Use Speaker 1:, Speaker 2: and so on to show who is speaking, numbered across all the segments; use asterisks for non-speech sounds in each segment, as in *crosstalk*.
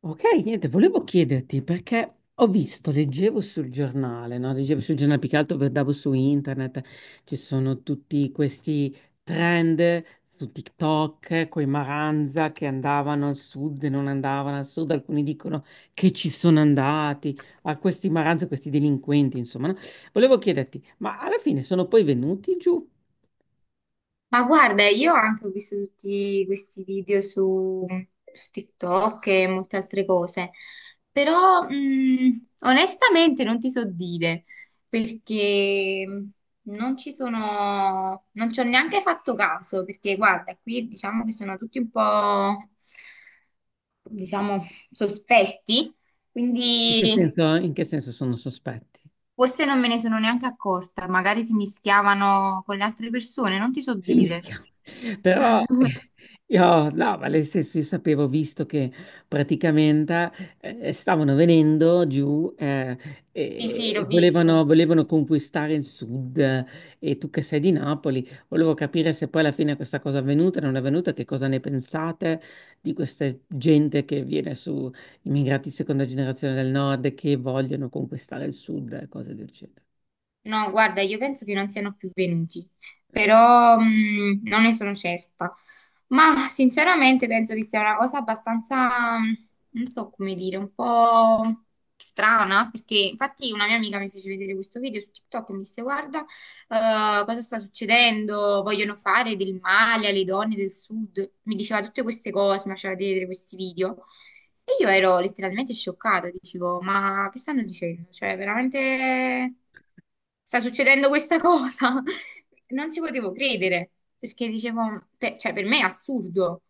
Speaker 1: Ok, niente, volevo chiederti perché ho visto, leggevo sul giornale, no? Leggevo sul giornale, più che altro guardavo su internet, ci sono tutti questi trend su TikTok, coi Maranza che andavano al sud e non andavano al sud, alcuni dicono che ci sono andati, a questi Maranza, questi delinquenti, insomma, no? Volevo chiederti, ma alla fine sono poi venuti giù?
Speaker 2: Ma guarda, io anche ho visto tutti questi video su TikTok e molte altre cose, però onestamente non ti so dire perché non ci ho neanche fatto caso, perché guarda, qui diciamo che sono tutti un po', diciamo, sospetti, quindi
Speaker 1: In che senso sono sospetti?
Speaker 2: forse non me ne sono neanche accorta, magari si mischiavano con le altre persone, non ti so
Speaker 1: Si
Speaker 2: dire.
Speaker 1: mischiava. Però
Speaker 2: *laughs*
Speaker 1: io, no, ma nel senso, io sapevo, visto che praticamente stavano venendo giù
Speaker 2: Sì, sì,
Speaker 1: e
Speaker 2: l'ho visto.
Speaker 1: volevano conquistare il sud, e tu che sei di Napoli, volevo capire se poi alla fine questa cosa è avvenuta, non è avvenuta, che cosa ne pensate di questa gente che viene su, immigrati di seconda generazione del nord che vogliono conquistare il sud e cose del genere.
Speaker 2: No, guarda, io penso che non siano più venuti, però non ne sono certa. Ma sinceramente penso che sia una cosa abbastanza, non so come dire, un po' strana, perché infatti una mia amica mi fece vedere questo video su TikTok e mi disse, guarda, cosa sta succedendo? Vogliono fare del male alle donne del sud. Mi diceva tutte queste cose, mi faceva vedere questi video. E io ero letteralmente scioccata, dicevo, ma che stanno dicendo? Cioè, veramente sta succedendo questa cosa? *laughs* Non ci potevo credere, perché dicevo, cioè, per me è assurdo.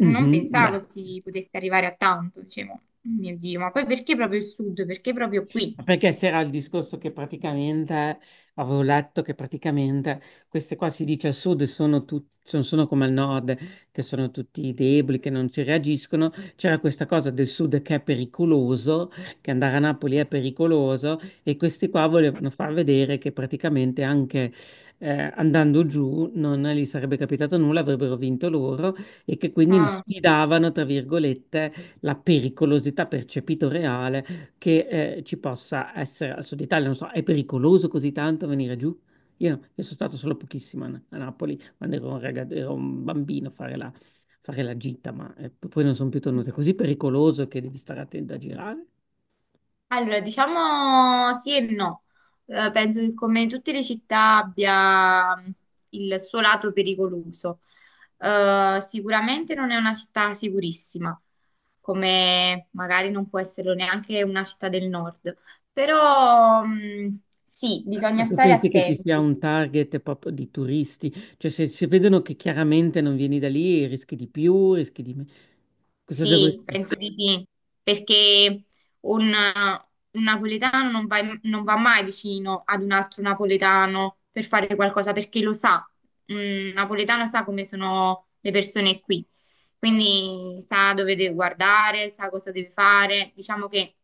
Speaker 2: Non
Speaker 1: beh.
Speaker 2: pensavo si potesse arrivare a tanto, dicevo, "Oh mio Dio, ma poi perché proprio il sud? Perché proprio qui?
Speaker 1: Ma perché c'era il discorso che praticamente, avevo letto che praticamente queste qua si dice al sud sono come al nord, che sono tutti deboli, che non ci reagiscono. C'era questa cosa del sud che è pericoloso, che andare a Napoli è pericoloso e questi qua volevano far vedere che praticamente anche eh, andando giù non gli sarebbe capitato nulla, avrebbero vinto loro e che quindi
Speaker 2: Ah.
Speaker 1: sfidavano, tra virgolette, la pericolosità percepito reale che ci possa essere al sud Italia, non so, è pericoloso così tanto venire giù? Io, no, io sono stato solo pochissimo a Napoli quando ero un bambino a fare la gita, ma poi non sono più tornato. È così pericoloso che devi stare attento a girare?
Speaker 2: Allora, diciamo sì e no. Penso che come tutte le città abbia il suo lato pericoloso. Sicuramente non è una città sicurissima, come magari non può esserlo neanche una città del nord, però sì,
Speaker 1: Ma
Speaker 2: bisogna
Speaker 1: tu
Speaker 2: stare
Speaker 1: pensi che ci sia
Speaker 2: attenti.
Speaker 1: un target proprio di turisti? Cioè, se vedono che chiaramente non vieni da lì, rischi di più, rischi di meno. Cosa devo...
Speaker 2: Sì, sì, penso di sì, perché un, un napoletano non va mai vicino ad un altro napoletano per fare qualcosa, perché lo sa, un napoletano sa come sono le persone qui, quindi sa dove deve guardare, sa cosa deve fare, diciamo che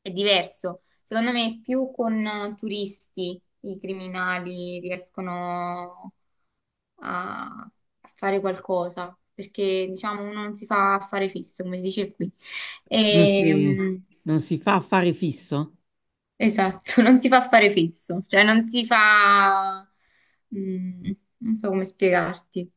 Speaker 2: è diverso. Secondo me più con turisti i criminali riescono a, a fare qualcosa, perché diciamo uno non si fa affare fisso, come si dice qui.
Speaker 1: Non si,
Speaker 2: Ehm,
Speaker 1: non si fa affare fisso?
Speaker 2: esatto, *laughs* non si fa affare fisso, cioè non si fa... mm, non so come spiegarti.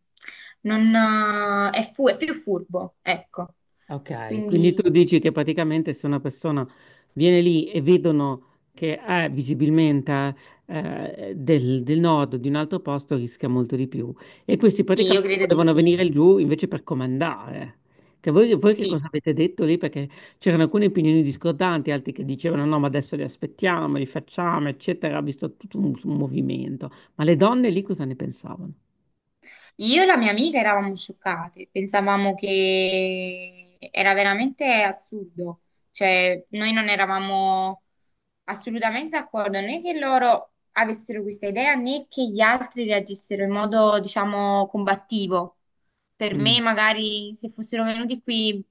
Speaker 2: Non, è, fu- è più furbo, ecco.
Speaker 1: Ok, quindi tu
Speaker 2: Quindi
Speaker 1: dici che praticamente se una persona viene lì e vedono che è visibilmente del nord o di un altro posto, rischia molto di più. E questi
Speaker 2: sì, io
Speaker 1: praticamente
Speaker 2: credo di
Speaker 1: volevano
Speaker 2: sì.
Speaker 1: venire giù invece per comandare. Che voi che
Speaker 2: Sì.
Speaker 1: cosa avete detto lì? Perché c'erano alcune opinioni discordanti, altri che dicevano no, ma adesso li aspettiamo, li facciamo, eccetera. Ha visto tutto un movimento. Ma le donne lì cosa ne pensavano?
Speaker 2: Io e la mia amica eravamo scioccate, pensavamo che era veramente assurdo, cioè noi non eravamo assolutamente d'accordo né che loro avessero questa idea né che gli altri reagissero in modo, diciamo, combattivo. Per
Speaker 1: Mm,
Speaker 2: me, magari se fossero venuti qui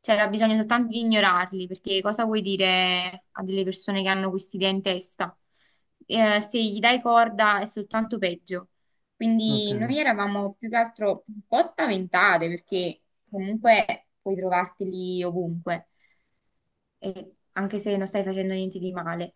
Speaker 2: c'era bisogno soltanto di ignorarli, perché cosa vuoi dire a delle persone che hanno quest'idea in testa? Se gli dai corda è soltanto peggio. Quindi
Speaker 1: ok.
Speaker 2: noi eravamo più che altro un po' spaventate, perché comunque puoi trovarti lì ovunque, e anche se non stai facendo niente di male.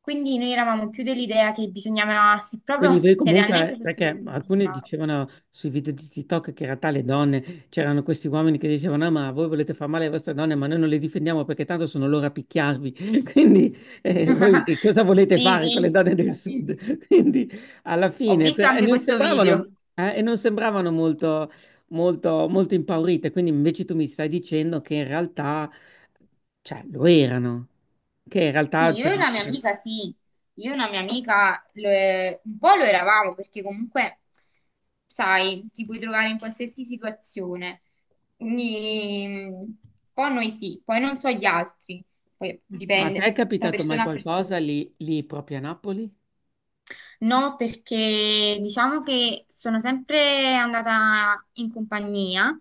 Speaker 2: Quindi noi eravamo più dell'idea che bisognava, se
Speaker 1: Quindi
Speaker 2: proprio,
Speaker 1: voi
Speaker 2: se realmente
Speaker 1: comunque,
Speaker 2: fossero
Speaker 1: perché
Speaker 2: venuti in
Speaker 1: alcune
Speaker 2: grado.
Speaker 1: dicevano sui video di TikTok che in realtà le donne, c'erano questi uomini che dicevano, ah, ma voi volete far male alle vostre donne, ma noi non le difendiamo perché tanto sono loro a picchiarvi. *laughs* Quindi voi che
Speaker 2: *laughs*
Speaker 1: cosa volete
Speaker 2: Sì,
Speaker 1: fare con le
Speaker 2: sì,
Speaker 1: donne del
Speaker 2: ho visto
Speaker 1: sud? *laughs* Quindi alla
Speaker 2: ho
Speaker 1: fine,
Speaker 2: visto
Speaker 1: però,
Speaker 2: anche questo video.
Speaker 1: e non sembravano molto, molto, molto impaurite, quindi invece tu mi stai dicendo che in realtà, cioè, lo erano, che in
Speaker 2: Sì,
Speaker 1: realtà
Speaker 2: io e
Speaker 1: c'erano...
Speaker 2: una mia amica sì, io e una mia amica lo è- un po' lo eravamo perché comunque, sai, ti puoi trovare in qualsiasi situazione. Quindi, un po' noi sì, poi non so gli altri, poi
Speaker 1: Ma a te
Speaker 2: dipende
Speaker 1: è
Speaker 2: da
Speaker 1: capitato mai
Speaker 2: persona a persona.
Speaker 1: qualcosa lì proprio a Napoli?
Speaker 2: No, perché diciamo che sono sempre andata in compagnia,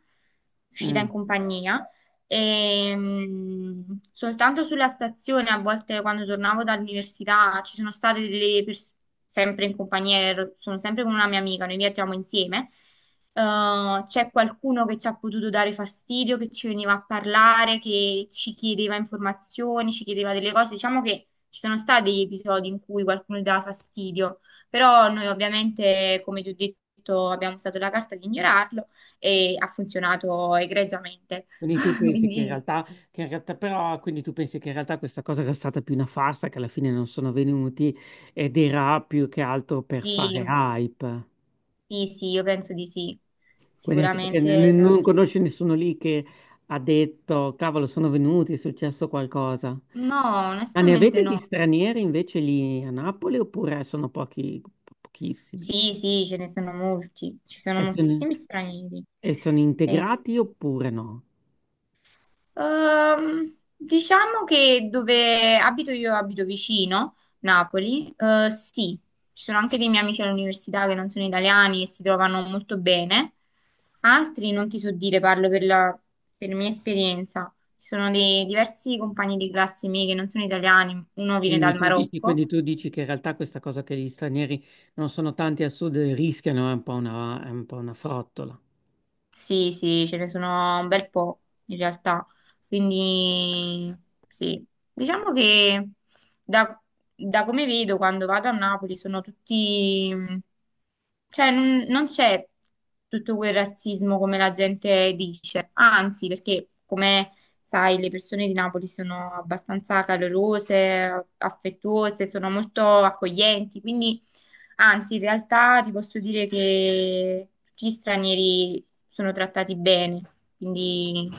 Speaker 2: uscita
Speaker 1: Mm.
Speaker 2: in compagnia, e soltanto sulla stazione, a volte quando tornavo dall'università, ci sono state delle persone sempre in compagnia, sono sempre con una mia amica, noi viaggiamo insieme. C'è qualcuno che ci ha potuto dare fastidio, che ci veniva a parlare, che ci chiedeva informazioni, ci chiedeva delle cose. Diciamo che ci sono stati degli episodi in cui qualcuno gli dava fastidio. Però noi ovviamente, come ti ho detto, abbiamo usato la carta di ignorarlo e ha funzionato egregiamente.
Speaker 1: Quindi tu
Speaker 2: *laughs*
Speaker 1: pensi che in
Speaker 2: Quindi
Speaker 1: realtà, Quindi tu pensi che in realtà questa cosa era stata più una farsa, che alla fine non sono venuti ed era più che altro per fare
Speaker 2: sì,
Speaker 1: hype.
Speaker 2: sì, sì, io penso di sì.
Speaker 1: Quindi anche perché
Speaker 2: Sicuramente sarà
Speaker 1: non
Speaker 2: per
Speaker 1: conosci
Speaker 2: questo.
Speaker 1: nessuno lì che ha detto, cavolo, sono venuti, è successo qualcosa.
Speaker 2: No,
Speaker 1: Ma ne
Speaker 2: onestamente
Speaker 1: avete di
Speaker 2: no.
Speaker 1: stranieri invece lì a Napoli oppure sono pochi, pochissimi?
Speaker 2: Sì, sì, ce ne sono molti. Ci sono
Speaker 1: E sono,
Speaker 2: moltissimi stranieri.
Speaker 1: e sono
Speaker 2: Eh,
Speaker 1: integrati oppure no?
Speaker 2: Ehm, diciamo che dove abito io, abito vicino, Napoli, eh, sì, ci sono anche dei miei amici all'università che non sono italiani e si trovano molto bene, altri non ti so dire, parlo per mia esperienza, ci sono dei diversi compagni di classe miei che non sono italiani, uno viene
Speaker 1: Quindi
Speaker 2: dal
Speaker 1: tu dici,
Speaker 2: Marocco.
Speaker 1: quindi tu dici che in realtà questa cosa che gli stranieri non sono tanti al sud e rischiano è un po' una frottola.
Speaker 2: Sì, sì, ce ne sono un bel po' in realtà. Quindi sì, diciamo che da, da come vedo quando vado a Napoli sono tutti, cioè non c'è tutto quel razzismo come la gente dice, anzi, perché come sai, le persone di Napoli sono abbastanza calorose, affettuose, sono molto accoglienti, quindi anzi, in realtà ti posso dire che tutti gli stranieri sono trattati bene, quindi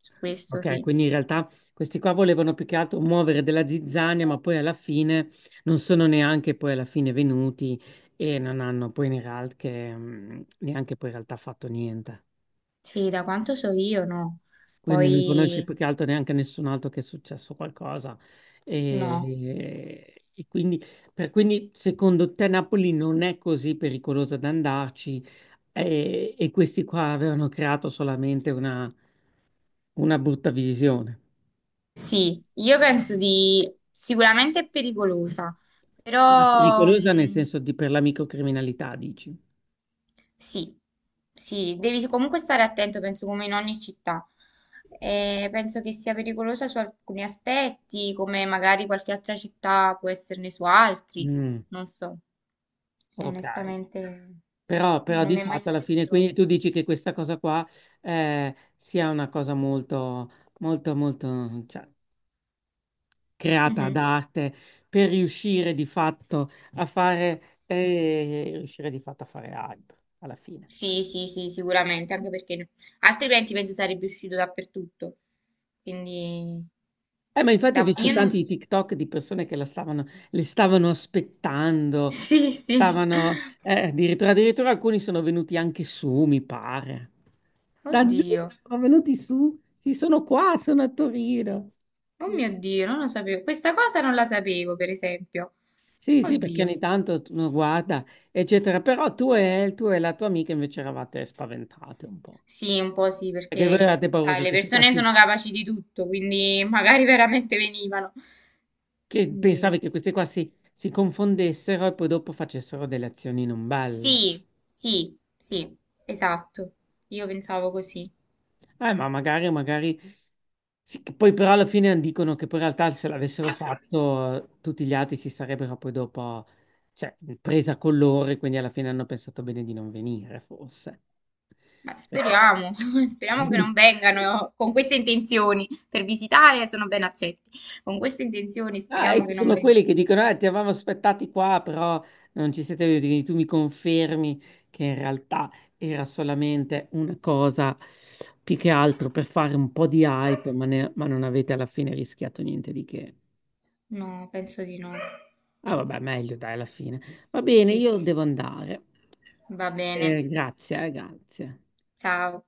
Speaker 2: su questo
Speaker 1: Ok,
Speaker 2: sì.
Speaker 1: quindi in realtà questi qua volevano più che altro muovere della zizzania, ma poi alla fine non sono neanche poi alla fine venuti e non hanno poi in realtà neanche poi in realtà fatto niente.
Speaker 2: Sì, da quanto so io no.
Speaker 1: Quindi non conosci
Speaker 2: Poi
Speaker 1: più che altro neanche nessun altro che è successo qualcosa.
Speaker 2: no.
Speaker 1: E quindi, quindi, secondo te Napoli non è così pericolosa da andarci e questi qua avevano creato solamente una brutta visione.
Speaker 2: Sì, io penso di sicuramente è pericolosa,
Speaker 1: Ma
Speaker 2: però
Speaker 1: pericolosa nel senso di per la microcriminalità, dici?
Speaker 2: sì, sì, devi comunque stare attento, penso come in ogni città. Penso che sia pericolosa su alcuni aspetti, come magari qualche altra città può esserne su altri,
Speaker 1: Mm,
Speaker 2: non so.
Speaker 1: ok.
Speaker 2: Onestamente
Speaker 1: Però
Speaker 2: non
Speaker 1: di
Speaker 2: mi è mai
Speaker 1: fatto alla
Speaker 2: successo
Speaker 1: fine, quindi tu
Speaker 2: troppo.
Speaker 1: dici che questa cosa qua sia una cosa molto, molto, molto... cioè, creata
Speaker 2: Mhm.
Speaker 1: da arte per riuscire di fatto a fare hype alla fine.
Speaker 2: Sì, sì, sì, sicuramente, anche perché altrimenti penso sarebbe uscito dappertutto. Quindi
Speaker 1: Ma infatti ho visto
Speaker 2: io non...
Speaker 1: tanti
Speaker 2: *laughs*
Speaker 1: TikTok di persone che le stavano aspettando,
Speaker 2: Sì, sì.
Speaker 1: addirittura alcuni sono venuti anche su, mi pare. Da giù
Speaker 2: Oddio.
Speaker 1: sono venuti su, sì, sono qua, sono a Torino.
Speaker 2: Oh
Speaker 1: Che-
Speaker 2: mio Dio, non lo sapevo. Questa cosa non la sapevo, per esempio.
Speaker 1: Sì, sì, perché
Speaker 2: Oddio.
Speaker 1: ogni tanto uno guarda, eccetera. Però tu e la tua amica invece eravate spaventate un po'.
Speaker 2: Sì, un po' sì,
Speaker 1: Perché voi
Speaker 2: perché,
Speaker 1: avevate paura
Speaker 2: sai, le persone sono capaci di tutto, quindi *laughs* magari veramente venivano.
Speaker 1: che pensavi
Speaker 2: Quindi...
Speaker 1: che questi qua si confondessero e poi dopo facessero delle azioni non belle.
Speaker 2: Sì, sì, sì, esatto. Io pensavo così.
Speaker 1: Ma magari, magari, sì, che poi però alla fine dicono che poi in realtà se l'avessero fatto tutti gli altri si sarebbero poi dopo, cioè, presa con loro e quindi alla fine hanno pensato bene di non venire, forse.
Speaker 2: Ma
Speaker 1: Perché...
Speaker 2: speriamo, *laughs* speriamo che non
Speaker 1: *laughs*
Speaker 2: vengano con queste intenzioni. Per visitare sono ben accetti. Con queste intenzioni
Speaker 1: Ah, e
Speaker 2: speriamo che
Speaker 1: ci
Speaker 2: non
Speaker 1: sono
Speaker 2: vengano.
Speaker 1: quelli che dicono: ti avevamo aspettati qua, però non ci siete venuti. Tu mi confermi che in realtà era solamente una cosa più che altro per fare un po' di hype, ma non avete alla fine rischiato niente di che.
Speaker 2: No, penso di no.
Speaker 1: Ah, vabbè, meglio dai, alla fine. Va bene,
Speaker 2: Sì,
Speaker 1: io
Speaker 2: sì,
Speaker 1: devo andare.
Speaker 2: va bene.
Speaker 1: Grazie, grazie.
Speaker 2: Ciao.